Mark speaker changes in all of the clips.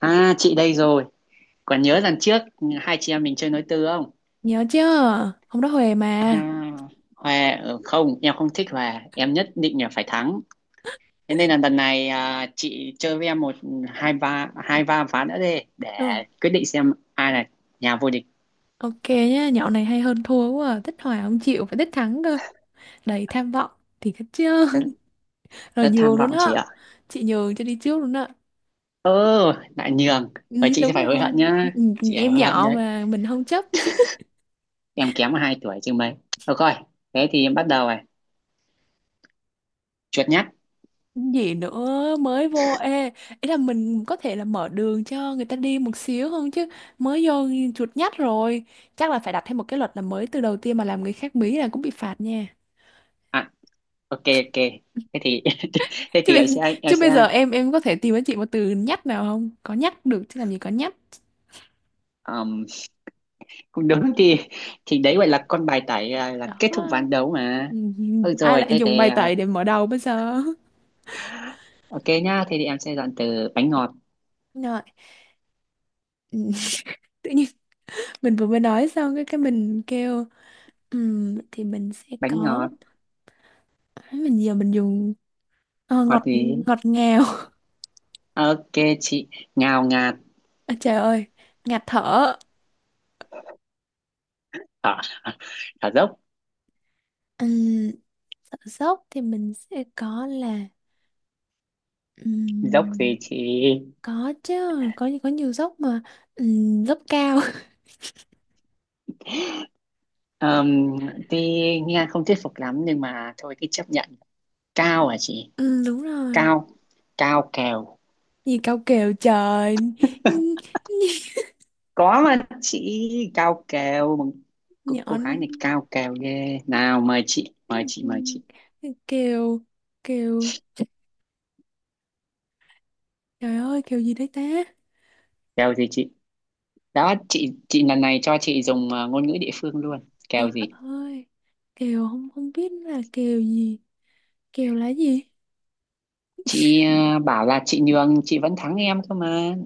Speaker 1: À, chị đây rồi, còn nhớ lần trước hai chị em mình chơi nối tư không?
Speaker 2: Nhớ chứ, hôm đó Huề mà.
Speaker 1: À, Hòa không, em không thích Hòa, em nhất định là phải thắng. Thế nên là lần này à, chị chơi với em một hai ba ván nữa đi để
Speaker 2: Ừ,
Speaker 1: quyết định xem ai là nhà vô địch.
Speaker 2: ok nhá, nhậu này hay hơn thua quá à. Thích hòa không chịu, phải thích thắng cơ. Đầy tham vọng, thì thích chứ.
Speaker 1: Rất,
Speaker 2: Rồi
Speaker 1: rất tham
Speaker 2: nhường luôn
Speaker 1: vọng chị
Speaker 2: á.
Speaker 1: ạ.
Speaker 2: Chị nhường cho đi trước luôn á.
Speaker 1: Ơ, lại nhường. Và
Speaker 2: Ừ,
Speaker 1: chị sẽ
Speaker 2: đúng
Speaker 1: phải hối
Speaker 2: rồi.
Speaker 1: hận
Speaker 2: Ừ,
Speaker 1: nhá.
Speaker 2: ừ,
Speaker 1: Chị phải
Speaker 2: em
Speaker 1: hối hận
Speaker 2: nhỏ
Speaker 1: đấy.
Speaker 2: mà, mình không chấp.
Speaker 1: Em kém 2 tuổi chứ mấy. Được rồi, thế thì em bắt đầu này. Chuột nhắt.
Speaker 2: Gì nữa, mới vô. Ê, ý là mình có thể là mở đường cho người ta đi một xíu không chứ. Mới vô chuột nhắt rồi. Chắc là phải đặt thêm một cái luật là mới từ đầu tiên mà làm người khác bí là cũng bị phạt nha.
Speaker 1: À, ok ok. Thế thì thế
Speaker 2: chứ
Speaker 1: thì em
Speaker 2: bây,
Speaker 1: sẽ em
Speaker 2: Chứ
Speaker 1: sẽ
Speaker 2: bây giờ em có thể tìm cho chị một từ nhắc nào không, có nhắc được chứ làm gì có nhắc.
Speaker 1: um, cũng đúng thì đấy gọi là con bài tải à, là
Speaker 2: Đó.
Speaker 1: kết thúc ván đấu mà
Speaker 2: Ừ,
Speaker 1: ừ
Speaker 2: ai
Speaker 1: rồi
Speaker 2: lại
Speaker 1: thế
Speaker 2: dùng
Speaker 1: thì
Speaker 2: bài
Speaker 1: à,
Speaker 2: tẩy để mở đầu bây giờ.
Speaker 1: ok nhá thế thì em sẽ dọn từ bánh ngọt.
Speaker 2: Rồi. Ừ, tự nhiên mình vừa mới nói xong cái mình kêu Vậy thì mình sẽ
Speaker 1: Bánh
Speaker 2: có,
Speaker 1: ngọt,
Speaker 2: mình giờ mình dùng
Speaker 1: ngọt
Speaker 2: ngọt,
Speaker 1: gì?
Speaker 2: ngọt ngào".
Speaker 1: Ok chị, ngào ngạt.
Speaker 2: À, trời ơi, ngạt thở.
Speaker 1: Ở, ở dốc.
Speaker 2: Ừm, Sợ dốc thì mình sẽ có là
Speaker 1: Dốc
Speaker 2: ừm,
Speaker 1: gì chị?
Speaker 2: có chứ, có nhiều dốc mà. Dốc cao.
Speaker 1: um, thì nghe không thuyết phục lắm nhưng mà thôi cứ chấp nhận. Cao hả chị?
Speaker 2: Ừ, đúng rồi.
Speaker 1: Cao, cao kèo.
Speaker 2: Gì cao kèo trời.
Speaker 1: Có mà chị, cao kèo. Cô
Speaker 2: Nhỏ.
Speaker 1: gái này cao kèo ghê, nào mời chị mời chị mời chị.
Speaker 2: Kèo. Kèo. Trời ơi kèo gì đấy ta.
Speaker 1: Kèo gì chị? Đó, chị lần này cho chị dùng ngôn ngữ địa phương luôn.
Speaker 2: Trời
Speaker 1: Kèo gì?
Speaker 2: ơi. Kèo không không biết là kèo gì. Kèo là gì?
Speaker 1: Chị bảo là chị nhường chị vẫn thắng em cơ mà.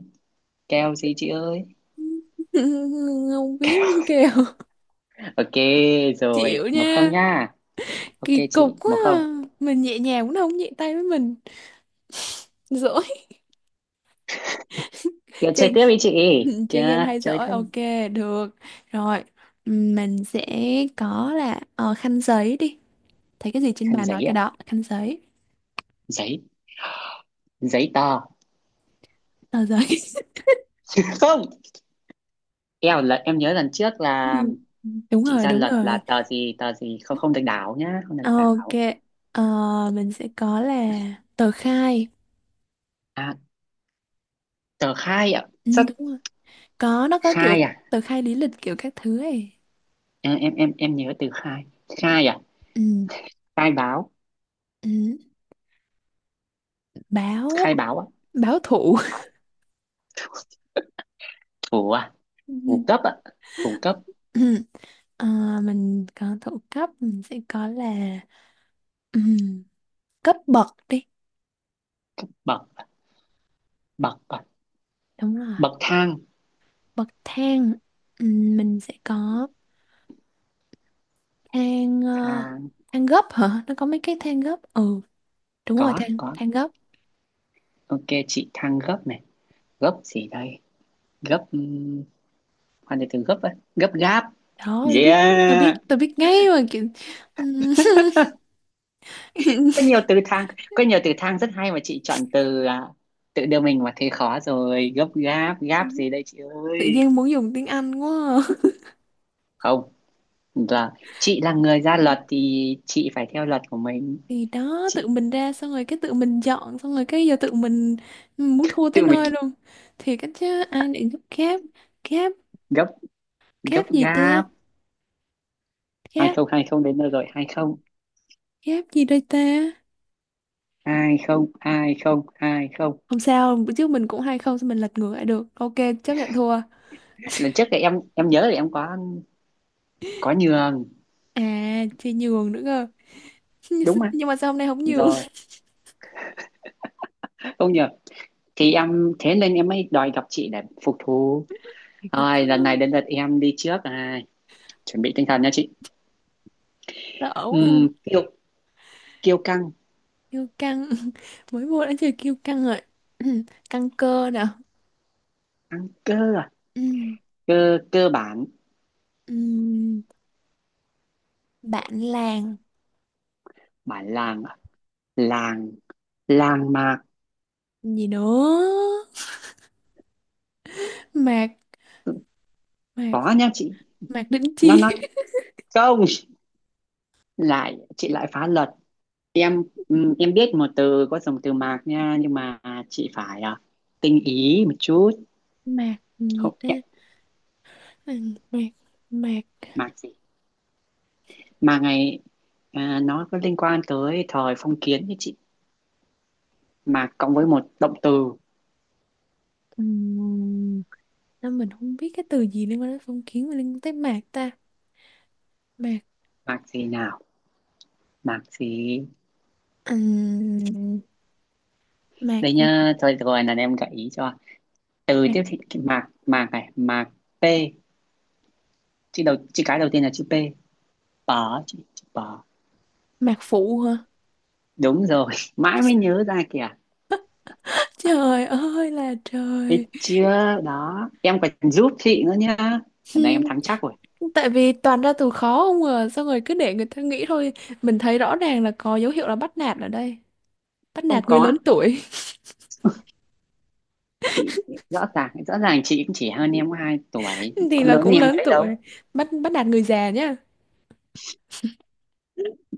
Speaker 1: Kèo gì chị ơi?
Speaker 2: Không biết gì kèo.
Speaker 1: Ok rồi,
Speaker 2: Chịu
Speaker 1: một không
Speaker 2: nha.
Speaker 1: nha. Ok
Speaker 2: Kỳ cục
Speaker 1: chị,
Speaker 2: quá
Speaker 1: một không.
Speaker 2: à. Mình nhẹ nhàng cũng không nhẹ tay với mình. Dỗ.
Speaker 1: Kìa chơi
Speaker 2: Chơi.
Speaker 1: tiếp đi chị.
Speaker 2: Chơi game
Speaker 1: Kìa
Speaker 2: hay
Speaker 1: chơi
Speaker 2: giỏi,
Speaker 1: tiếp đi.
Speaker 2: ok. Được rồi, mình sẽ có là khăn giấy đi, thấy cái gì trên
Speaker 1: Khăn
Speaker 2: bàn nói
Speaker 1: giấy
Speaker 2: cái
Speaker 1: ạ.
Speaker 2: đó, khăn giấy.
Speaker 1: Giấy, giấy tờ.
Speaker 2: Tờ giấy.
Speaker 1: Không. Kèo lần em nhớ lần trước là
Speaker 2: Ừm, đúng
Speaker 1: chị
Speaker 2: rồi,
Speaker 1: ra
Speaker 2: đúng
Speaker 1: luật là
Speaker 2: rồi.
Speaker 1: tờ gì không không được đảo nhá, không được
Speaker 2: Ờ, ok,
Speaker 1: đảo.
Speaker 2: ờ, mình sẽ có là tờ khai.
Speaker 1: À, tờ khai ạ. Rất
Speaker 2: Đúng rồi, có, nó có kiểu
Speaker 1: khai à.
Speaker 2: tờ khai lý lịch kiểu các thứ ấy.
Speaker 1: Em nhớ từ khai. Khai à?
Speaker 2: Ừm,
Speaker 1: Khai báo,
Speaker 2: ừm, Báo.
Speaker 1: khai báo á.
Speaker 2: Báo thủ.
Speaker 1: Thủ à?
Speaker 2: Ừm,
Speaker 1: Thủ cấp á, thủ cấp.
Speaker 2: ừm. Ờ, mình có thủ cấp, mình sẽ có là ừ, cấp bậc đi.
Speaker 1: Bậc à? Bậc à?
Speaker 2: Đúng rồi.
Speaker 1: Bậc thang.
Speaker 2: Bậc thang. Mình sẽ có thang,
Speaker 1: Thang,
Speaker 2: thang gấp hả, nó có mấy cái thang gấp, ừ đúng rồi,
Speaker 1: có
Speaker 2: thang,
Speaker 1: có.
Speaker 2: thang gấp.
Speaker 1: Ok chị, thang gấp này. Gấp gì đây? Gấp, hoàn từ từ gấp á, gấp gáp.
Speaker 2: Đó tôi biết, tôi biết,
Speaker 1: Yeah,
Speaker 2: tôi biết ngay mà, kiểu ừm,
Speaker 1: có nhiều từ thang, có nhiều từ thang rất hay mà chị chọn từ à, tự đưa mình vào thế khó rồi. Gấp gáp, gáp gì đây chị
Speaker 2: tự
Speaker 1: ơi?
Speaker 2: nhiên muốn dùng tiếng Anh quá à.
Speaker 1: Không, là chị là người ra luật thì chị phải theo luật của mình.
Speaker 2: Thì đó,
Speaker 1: Chị
Speaker 2: tự mình ra xong rồi cái tự mình dọn xong rồi cái giờ tự mình muốn thua tới
Speaker 1: tự mình,
Speaker 2: nơi luôn, thì cái chứ ai định giúp. Kép. Kép.
Speaker 1: gấp, gấp
Speaker 2: Kép gì ta?
Speaker 1: gáp. Hai
Speaker 2: Kép.
Speaker 1: không, hai không đến nơi rồi. hai không
Speaker 2: Kép gì đây ta?
Speaker 1: hai không hai không hai không
Speaker 2: Không sao, bữa trước mình cũng hai không, sao mình lật ngược lại được. Ok, chấp nhận thua.
Speaker 1: Lần trước thì em nhớ là em có nhường
Speaker 2: À, thì nhường nữa cơ.
Speaker 1: đúng không?
Speaker 2: Nhưng mà sao hôm nay không nhường?
Speaker 1: Rồi không nhờ, thì em thế nên em mới đòi gặp chị để phục thù.
Speaker 2: Thì có chứ,
Speaker 1: Rồi lần này đến lượt em đi trước à, chuẩn bị tinh thần nha chị.
Speaker 2: sợ quá à.
Speaker 1: Kiêu, kiêu căng.
Speaker 2: Kiêu căng. Mới vô đã chơi kiêu căng rồi. Căng cơ nè.
Speaker 1: Căng cơ à?
Speaker 2: Ừm,
Speaker 1: Cơ, cơ bản.
Speaker 2: ừm, Bạn làng.
Speaker 1: Bản làng à? Làng, làng mạc.
Speaker 2: Gì nữa? Mạc, mạc,
Speaker 1: Có nha chị,
Speaker 2: mạc đỉnh
Speaker 1: nó
Speaker 2: chi.
Speaker 1: không, lại chị lại phá luật. Em, em biết một từ có dùng từ mạc nha nhưng mà chị phải à, tinh ý một chút.
Speaker 2: Mạc gì
Speaker 1: Không
Speaker 2: ta?
Speaker 1: em,
Speaker 2: Mạc, mạc, mạc.
Speaker 1: mạc gì mà ngày, à, nó có liên quan tới thời phong kiến như chị, mạc cộng với một động từ.
Speaker 2: Ừm, Sao mình không biết cái từ gì liên quan đến phong kiến mà liên quan tới mạc ta. Mạc.
Speaker 1: Mạc gì nào, mạc gì
Speaker 2: Ừm, Mạc
Speaker 1: đây?
Speaker 2: gì,
Speaker 1: Nha thôi được rồi, là em gợi ý cho từ
Speaker 2: mạc,
Speaker 1: tiếp thị cái mạc, mạc này, mạc p. Chị đầu chị cái đầu tiên là chữ p, bở chị, chữ bở.
Speaker 2: mạc phụ hả?
Speaker 1: Đúng rồi, mãi mới nhớ ra kìa.
Speaker 2: Trời ơi là trời.
Speaker 1: Thấy chưa? Đó, em còn giúp chị nữa nhá. Lần này
Speaker 2: Hmm,
Speaker 1: em thắng chắc rồi.
Speaker 2: tại vì toàn ra từ khó không à, xong rồi cứ để người ta nghĩ thôi, mình thấy rõ ràng là có dấu hiệu là bắt nạt ở đây, bắt
Speaker 1: Không
Speaker 2: nạt người
Speaker 1: có,
Speaker 2: lớn tuổi.
Speaker 1: rõ ràng chị cũng chỉ hơn em 2 tuổi,
Speaker 2: Thì
Speaker 1: có
Speaker 2: là
Speaker 1: lớn hơn
Speaker 2: cũng
Speaker 1: em
Speaker 2: lớn
Speaker 1: mấy
Speaker 2: tuổi,
Speaker 1: đâu.
Speaker 2: bắt bắt nạt người già nhá.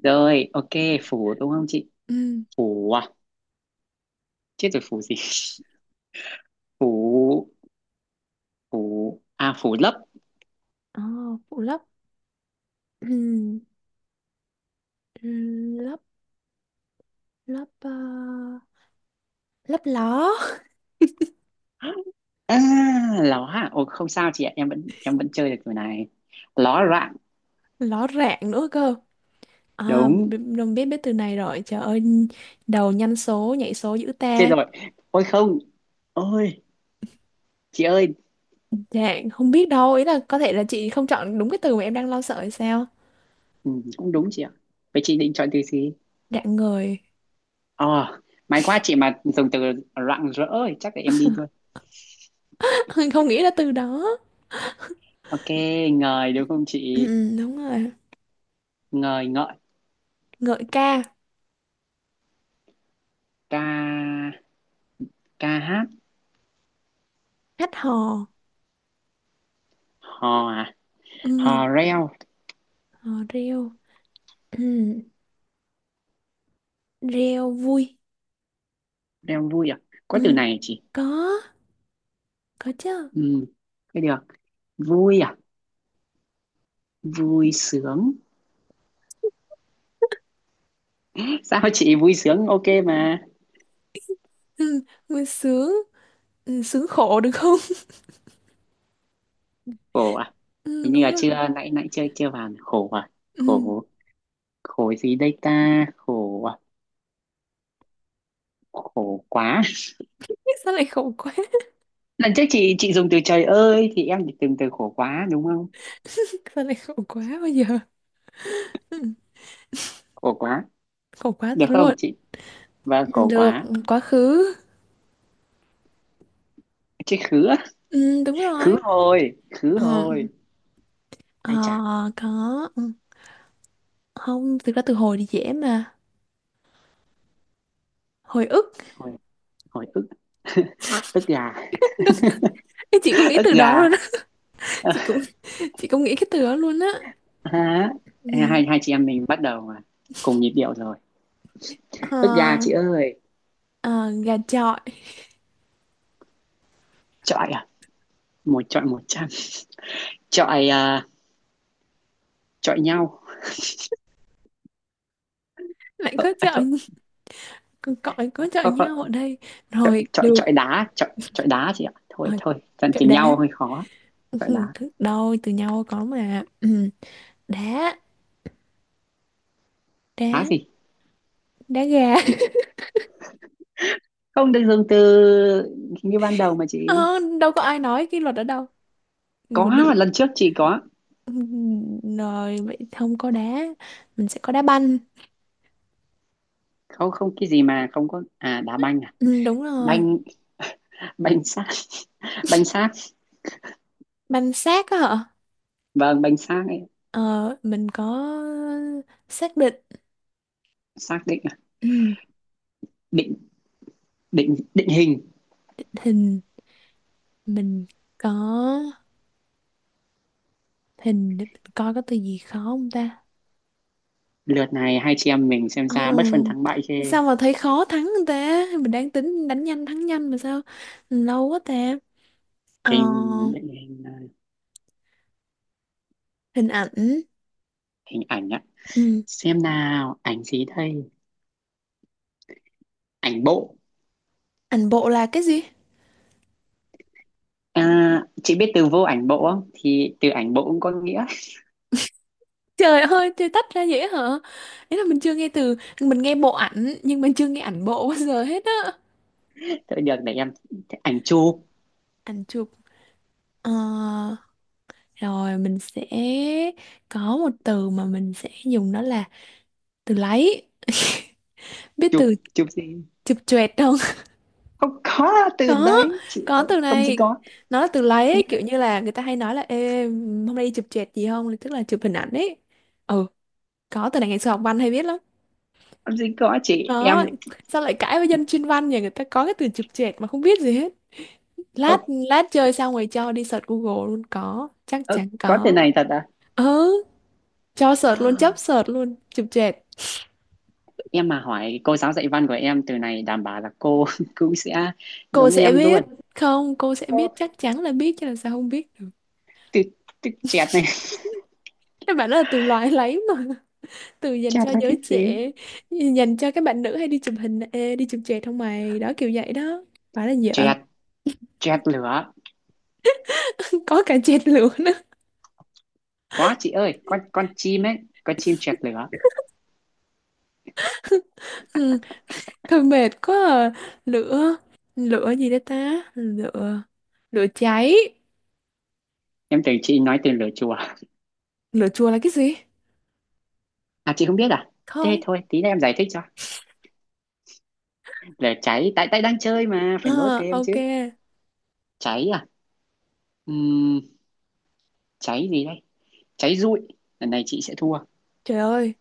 Speaker 1: Rồi, ok, phủ đúng không chị?
Speaker 2: Ừ.
Speaker 1: Phủ à? Chết rồi phủ gì? Phủ, phủ, à phủ lấp.
Speaker 2: Ờ, phụ lấp. Ừm, lấp, lấp, lấp ló.
Speaker 1: À, ló à? Ồ, không sao chị ạ, em vẫn chơi được kiểu này. Ló loạn,
Speaker 2: Ló rạng nữa cơ. À,
Speaker 1: đúng.
Speaker 2: đồng biết biết từ này rồi trời ơi. Đầu nhanh, số nhảy số dữ
Speaker 1: Chết
Speaker 2: ta.
Speaker 1: rồi. Ôi không, ôi, chị ơi,
Speaker 2: Dạ, không biết đâu, ý là có thể là chị không chọn đúng cái từ mà em đang lo sợ hay sao?
Speaker 1: ừ, cũng đúng chị ạ. Vậy chị định chọn từ gì?
Speaker 2: Rạng ngời.
Speaker 1: Ờ, may quá chị mà dùng từ rạng rỡ thì chắc là em đi luôn.
Speaker 2: Không nghĩ là từ đó.
Speaker 1: Ok, ngời đúng không
Speaker 2: Ừ,
Speaker 1: chị?
Speaker 2: ừ, đúng rồi.
Speaker 1: Ngời ngợi,
Speaker 2: Ngợi ca,
Speaker 1: ca, ca hát.
Speaker 2: hát hò.
Speaker 1: Hò à? Hò
Speaker 2: Ừ,
Speaker 1: reo.
Speaker 2: hò reo. Ừ, reo vui.
Speaker 1: Reo vui à? Có từ
Speaker 2: Ừ,
Speaker 1: này à chị?
Speaker 2: có, có chứ.
Speaker 1: Ừ, cái được. Vui à? Vui sướng. Sao chị vui sướng ok mà?
Speaker 2: Ừ, vui sướng. Ừ, sướng khổ được không?
Speaker 1: Khổ à?
Speaker 2: Ừ,
Speaker 1: Hình như
Speaker 2: đúng
Speaker 1: là
Speaker 2: rồi.
Speaker 1: chưa, nãy nãy chưa chưa vào khổ à?
Speaker 2: Ừ,
Speaker 1: Khổ, khổ gì đây ta? Khổ à? Khổ quá.
Speaker 2: sao lại khổ quá?
Speaker 1: Lần trước chị dùng từ trời ơi thì em chỉ dùng từ khổ quá đúng không?
Speaker 2: Sao lại khổ quá bây giờ? Ừ,
Speaker 1: Khổ quá,
Speaker 2: khổ quá
Speaker 1: được
Speaker 2: thật
Speaker 1: không
Speaker 2: luôn.
Speaker 1: chị? Vâng
Speaker 2: Ừ,
Speaker 1: khổ
Speaker 2: được,
Speaker 1: quá.
Speaker 2: quá khứ.
Speaker 1: Chị khứ á.
Speaker 2: Ừ, đúng
Speaker 1: Khứ
Speaker 2: rồi.
Speaker 1: hồi, khứ
Speaker 2: Ừ.
Speaker 1: hồi.
Speaker 2: Ờ,
Speaker 1: Ai chà,
Speaker 2: có. Ừ. Không, thực ra từ hồi thì dễ mà, hồi ức.
Speaker 1: hồi, hồi ức. Ức gà.
Speaker 2: Ê, chị cũng nghĩ
Speaker 1: Ức
Speaker 2: từ đó
Speaker 1: gà
Speaker 2: luôn á, chị cũng chị cũng nghĩ cái từ đó luôn á.
Speaker 1: hả?
Speaker 2: Ừ.
Speaker 1: Hai, hai chị em mình bắt đầu mà cùng nhịp điệu rồi. Ức gà
Speaker 2: Ờ,
Speaker 1: chị ơi.
Speaker 2: ờ, gà chọi.
Speaker 1: Chọi à? Một chọi một trăm. Chọi à, chọi nhau.
Speaker 2: Lại
Speaker 1: Ờ,
Speaker 2: có
Speaker 1: à,
Speaker 2: chọi,
Speaker 1: thôi,
Speaker 2: còn cọi, có chọi
Speaker 1: thôi, thôi,
Speaker 2: nhau ở đây,
Speaker 1: chọi
Speaker 2: rồi
Speaker 1: chọi chọi
Speaker 2: được.
Speaker 1: đá, chọi chọi đá chị ạ,
Speaker 2: Ờ,
Speaker 1: thôi thôi dần
Speaker 2: chọi
Speaker 1: chỉnh
Speaker 2: đá.
Speaker 1: nhau hơi khó.
Speaker 2: Ừ,
Speaker 1: Chọi đá.
Speaker 2: đâu từ nhau có mà, ừ. Đá. Đá.
Speaker 1: Đá gì?
Speaker 2: Đá gà.
Speaker 1: Không được dùng từ như ban đầu mà
Speaker 2: Ờ,
Speaker 1: chị.
Speaker 2: đâu có ai nói cái luật ở đâu. Người
Speaker 1: Có
Speaker 2: mình đâu.
Speaker 1: mà, lần trước chị có.
Speaker 2: Ừ, rồi vậy không có đá, mình sẽ có đá banh.
Speaker 1: Không không, cái gì mà không có? À đá banh à?
Speaker 2: Ừ, đúng rồi.
Speaker 1: Banh, banh xác. Banh xác,
Speaker 2: Banh xác á hả?
Speaker 1: vâng banh xác ấy.
Speaker 2: Ờ, mình có xác định.
Speaker 1: Xác định à?
Speaker 2: Ừ,
Speaker 1: Định, định hình.
Speaker 2: hình. Mình có hình để mình coi có từ gì khó không ta?
Speaker 1: Lượt này hai chị em mình xem
Speaker 2: Ờ,
Speaker 1: ra bất phân thắng bại chê.
Speaker 2: sao mà thấy khó thắng người ta? Mình đang tính đánh nhanh thắng nhanh mà sao? Lâu quá ta.
Speaker 1: Hình,
Speaker 2: Ờ,
Speaker 1: định hình à,
Speaker 2: hình ảnh.
Speaker 1: hình ảnh ạ.
Speaker 2: Ừ.
Speaker 1: Xem nào ảnh gì đây? Ảnh bộ.
Speaker 2: Ảnh bộ là cái gì?
Speaker 1: À, chị biết từ vô ảnh bộ không? Thì từ ảnh bộ cũng có nghĩa.
Speaker 2: Trời ơi, chơi tách ra vậy hả? Ý là mình chưa nghe từ, mình nghe bộ ảnh nhưng mình chưa nghe ảnh bộ bao giờ hết á.
Speaker 1: Thôi được để em, ảnh chụp.
Speaker 2: Ảnh chụp. Ờ. Rồi mình sẽ có một từ mà mình sẽ dùng đó là từ lấy. Biết
Speaker 1: Chụp,
Speaker 2: từ
Speaker 1: chụp gì?
Speaker 2: chụp choẹt không?
Speaker 1: Không có từ
Speaker 2: Có,
Speaker 1: đấy chị.
Speaker 2: có từ
Speaker 1: Không gì
Speaker 2: này.
Speaker 1: có,
Speaker 2: Nó là từ lấy
Speaker 1: nghĩa
Speaker 2: ấy,
Speaker 1: là
Speaker 2: kiểu như là người ta hay nói là ê, hôm nay đi chụp choẹt gì không? Tức là chụp hình ảnh ấy. Ừ, có từ này ngày xưa học văn hay biết lắm.
Speaker 1: không gì có chị
Speaker 2: Đó,
Speaker 1: em.
Speaker 2: sao lại cãi với dân chuyên văn nhỉ? Người ta có cái từ chụp choẹt mà không biết gì hết. Lát
Speaker 1: Ờ,
Speaker 2: lát chơi xong rồi cho đi search Google luôn có, chắc
Speaker 1: Ơ,
Speaker 2: chắn
Speaker 1: có từ
Speaker 2: có.
Speaker 1: này thật à?
Speaker 2: Ừ, cho search luôn, chấp search luôn, chụp choẹt.
Speaker 1: Em mà hỏi cô giáo dạy văn của em từ này đảm bảo là cô cũng sẽ
Speaker 2: Cô
Speaker 1: giống
Speaker 2: sẽ
Speaker 1: em luôn.
Speaker 2: biết, không, cô sẽ
Speaker 1: Cô-,
Speaker 2: biết, chắc chắn là biết chứ làm sao không biết được.
Speaker 1: từ, từ chẹt này,
Speaker 2: Các bạn đó là từ loài lấy mà. Từ dành
Speaker 1: chẹt
Speaker 2: cho
Speaker 1: là cái
Speaker 2: giới
Speaker 1: gì?
Speaker 2: trẻ, dành cho các bạn nữ hay đi chụp hình, ê, đi chụp chẹt không mày, đó kiểu vậy đó. Phải là vợ.
Speaker 1: Chẹt, chẹt lửa.
Speaker 2: Có cả chẹt lửa nữa.
Speaker 1: Có chị ơi, con chim ấy, con chim chẹt lửa.
Speaker 2: Ừ. Thôi mệt quá à. Lửa. Lửa gì đó ta, lửa lửa cháy.
Speaker 1: Em tưởng chị nói từ lửa chùa.
Speaker 2: Lửa chùa là cái gì?
Speaker 1: À chị không biết à? Thế
Speaker 2: Không.
Speaker 1: thôi, tí nữa em giải thích cho. Lửa cháy, tại tại đang chơi mà, phải nối
Speaker 2: Ờ,
Speaker 1: kem chứ.
Speaker 2: ok.
Speaker 1: Cháy à? Ừm, cháy gì đây? Cháy rụi. Lần này chị sẽ thua.
Speaker 2: Trời ơi,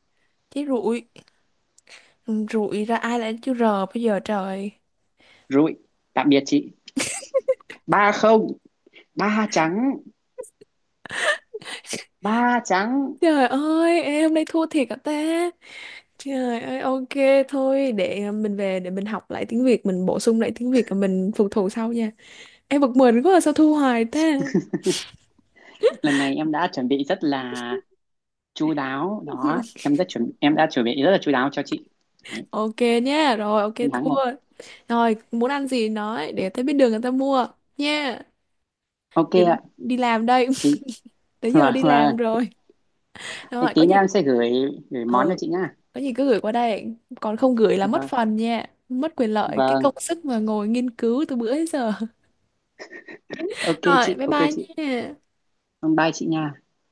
Speaker 2: cháy rụi. Ừ, rụi ra ai lại chữ r bây giờ trời.
Speaker 1: Rụi. Tạm biệt chị. Ba không, ba trắng, ba trắng.
Speaker 2: Trời ơi, em hôm nay thua thiệt hả ta? Trời ơi, ok, thôi để à, mình về để mình học lại tiếng Việt, mình bổ sung lại tiếng Việt và mình phục thù sau nha. Em bực mình quá à, sao thua hoài ta.
Speaker 1: Lần này em đã chuẩn bị rất là chu đáo đó, em rất chuẩn, em đã chuẩn bị rất là chu đáo cho chị. Đấy,
Speaker 2: Ok nha, rồi ok
Speaker 1: chiến thắng
Speaker 2: thua.
Speaker 1: rồi.
Speaker 2: Rồi, muốn ăn gì nói để tới bên đường người ta mua nha.
Speaker 1: Ok
Speaker 2: Đi,
Speaker 1: ạ,
Speaker 2: đi làm đây,
Speaker 1: thì
Speaker 2: tới giờ
Speaker 1: vâng
Speaker 2: đi làm
Speaker 1: vâng.
Speaker 2: rồi.
Speaker 1: Thế
Speaker 2: Rồi, có
Speaker 1: tí nữa
Speaker 2: gì
Speaker 1: em sẽ gửi, gửi món cho
Speaker 2: ừ,
Speaker 1: chị nhá.
Speaker 2: có gì cứ gửi qua đây, còn không gửi là mất
Speaker 1: Vâng
Speaker 2: phần nha, mất quyền lợi cái
Speaker 1: vâng,
Speaker 2: công sức mà ngồi nghiên cứu từ bữa đến giờ.
Speaker 1: ok
Speaker 2: Rồi,
Speaker 1: chị,
Speaker 2: bye
Speaker 1: ok
Speaker 2: bye
Speaker 1: chị.
Speaker 2: nha.
Speaker 1: Bye bye chị nha.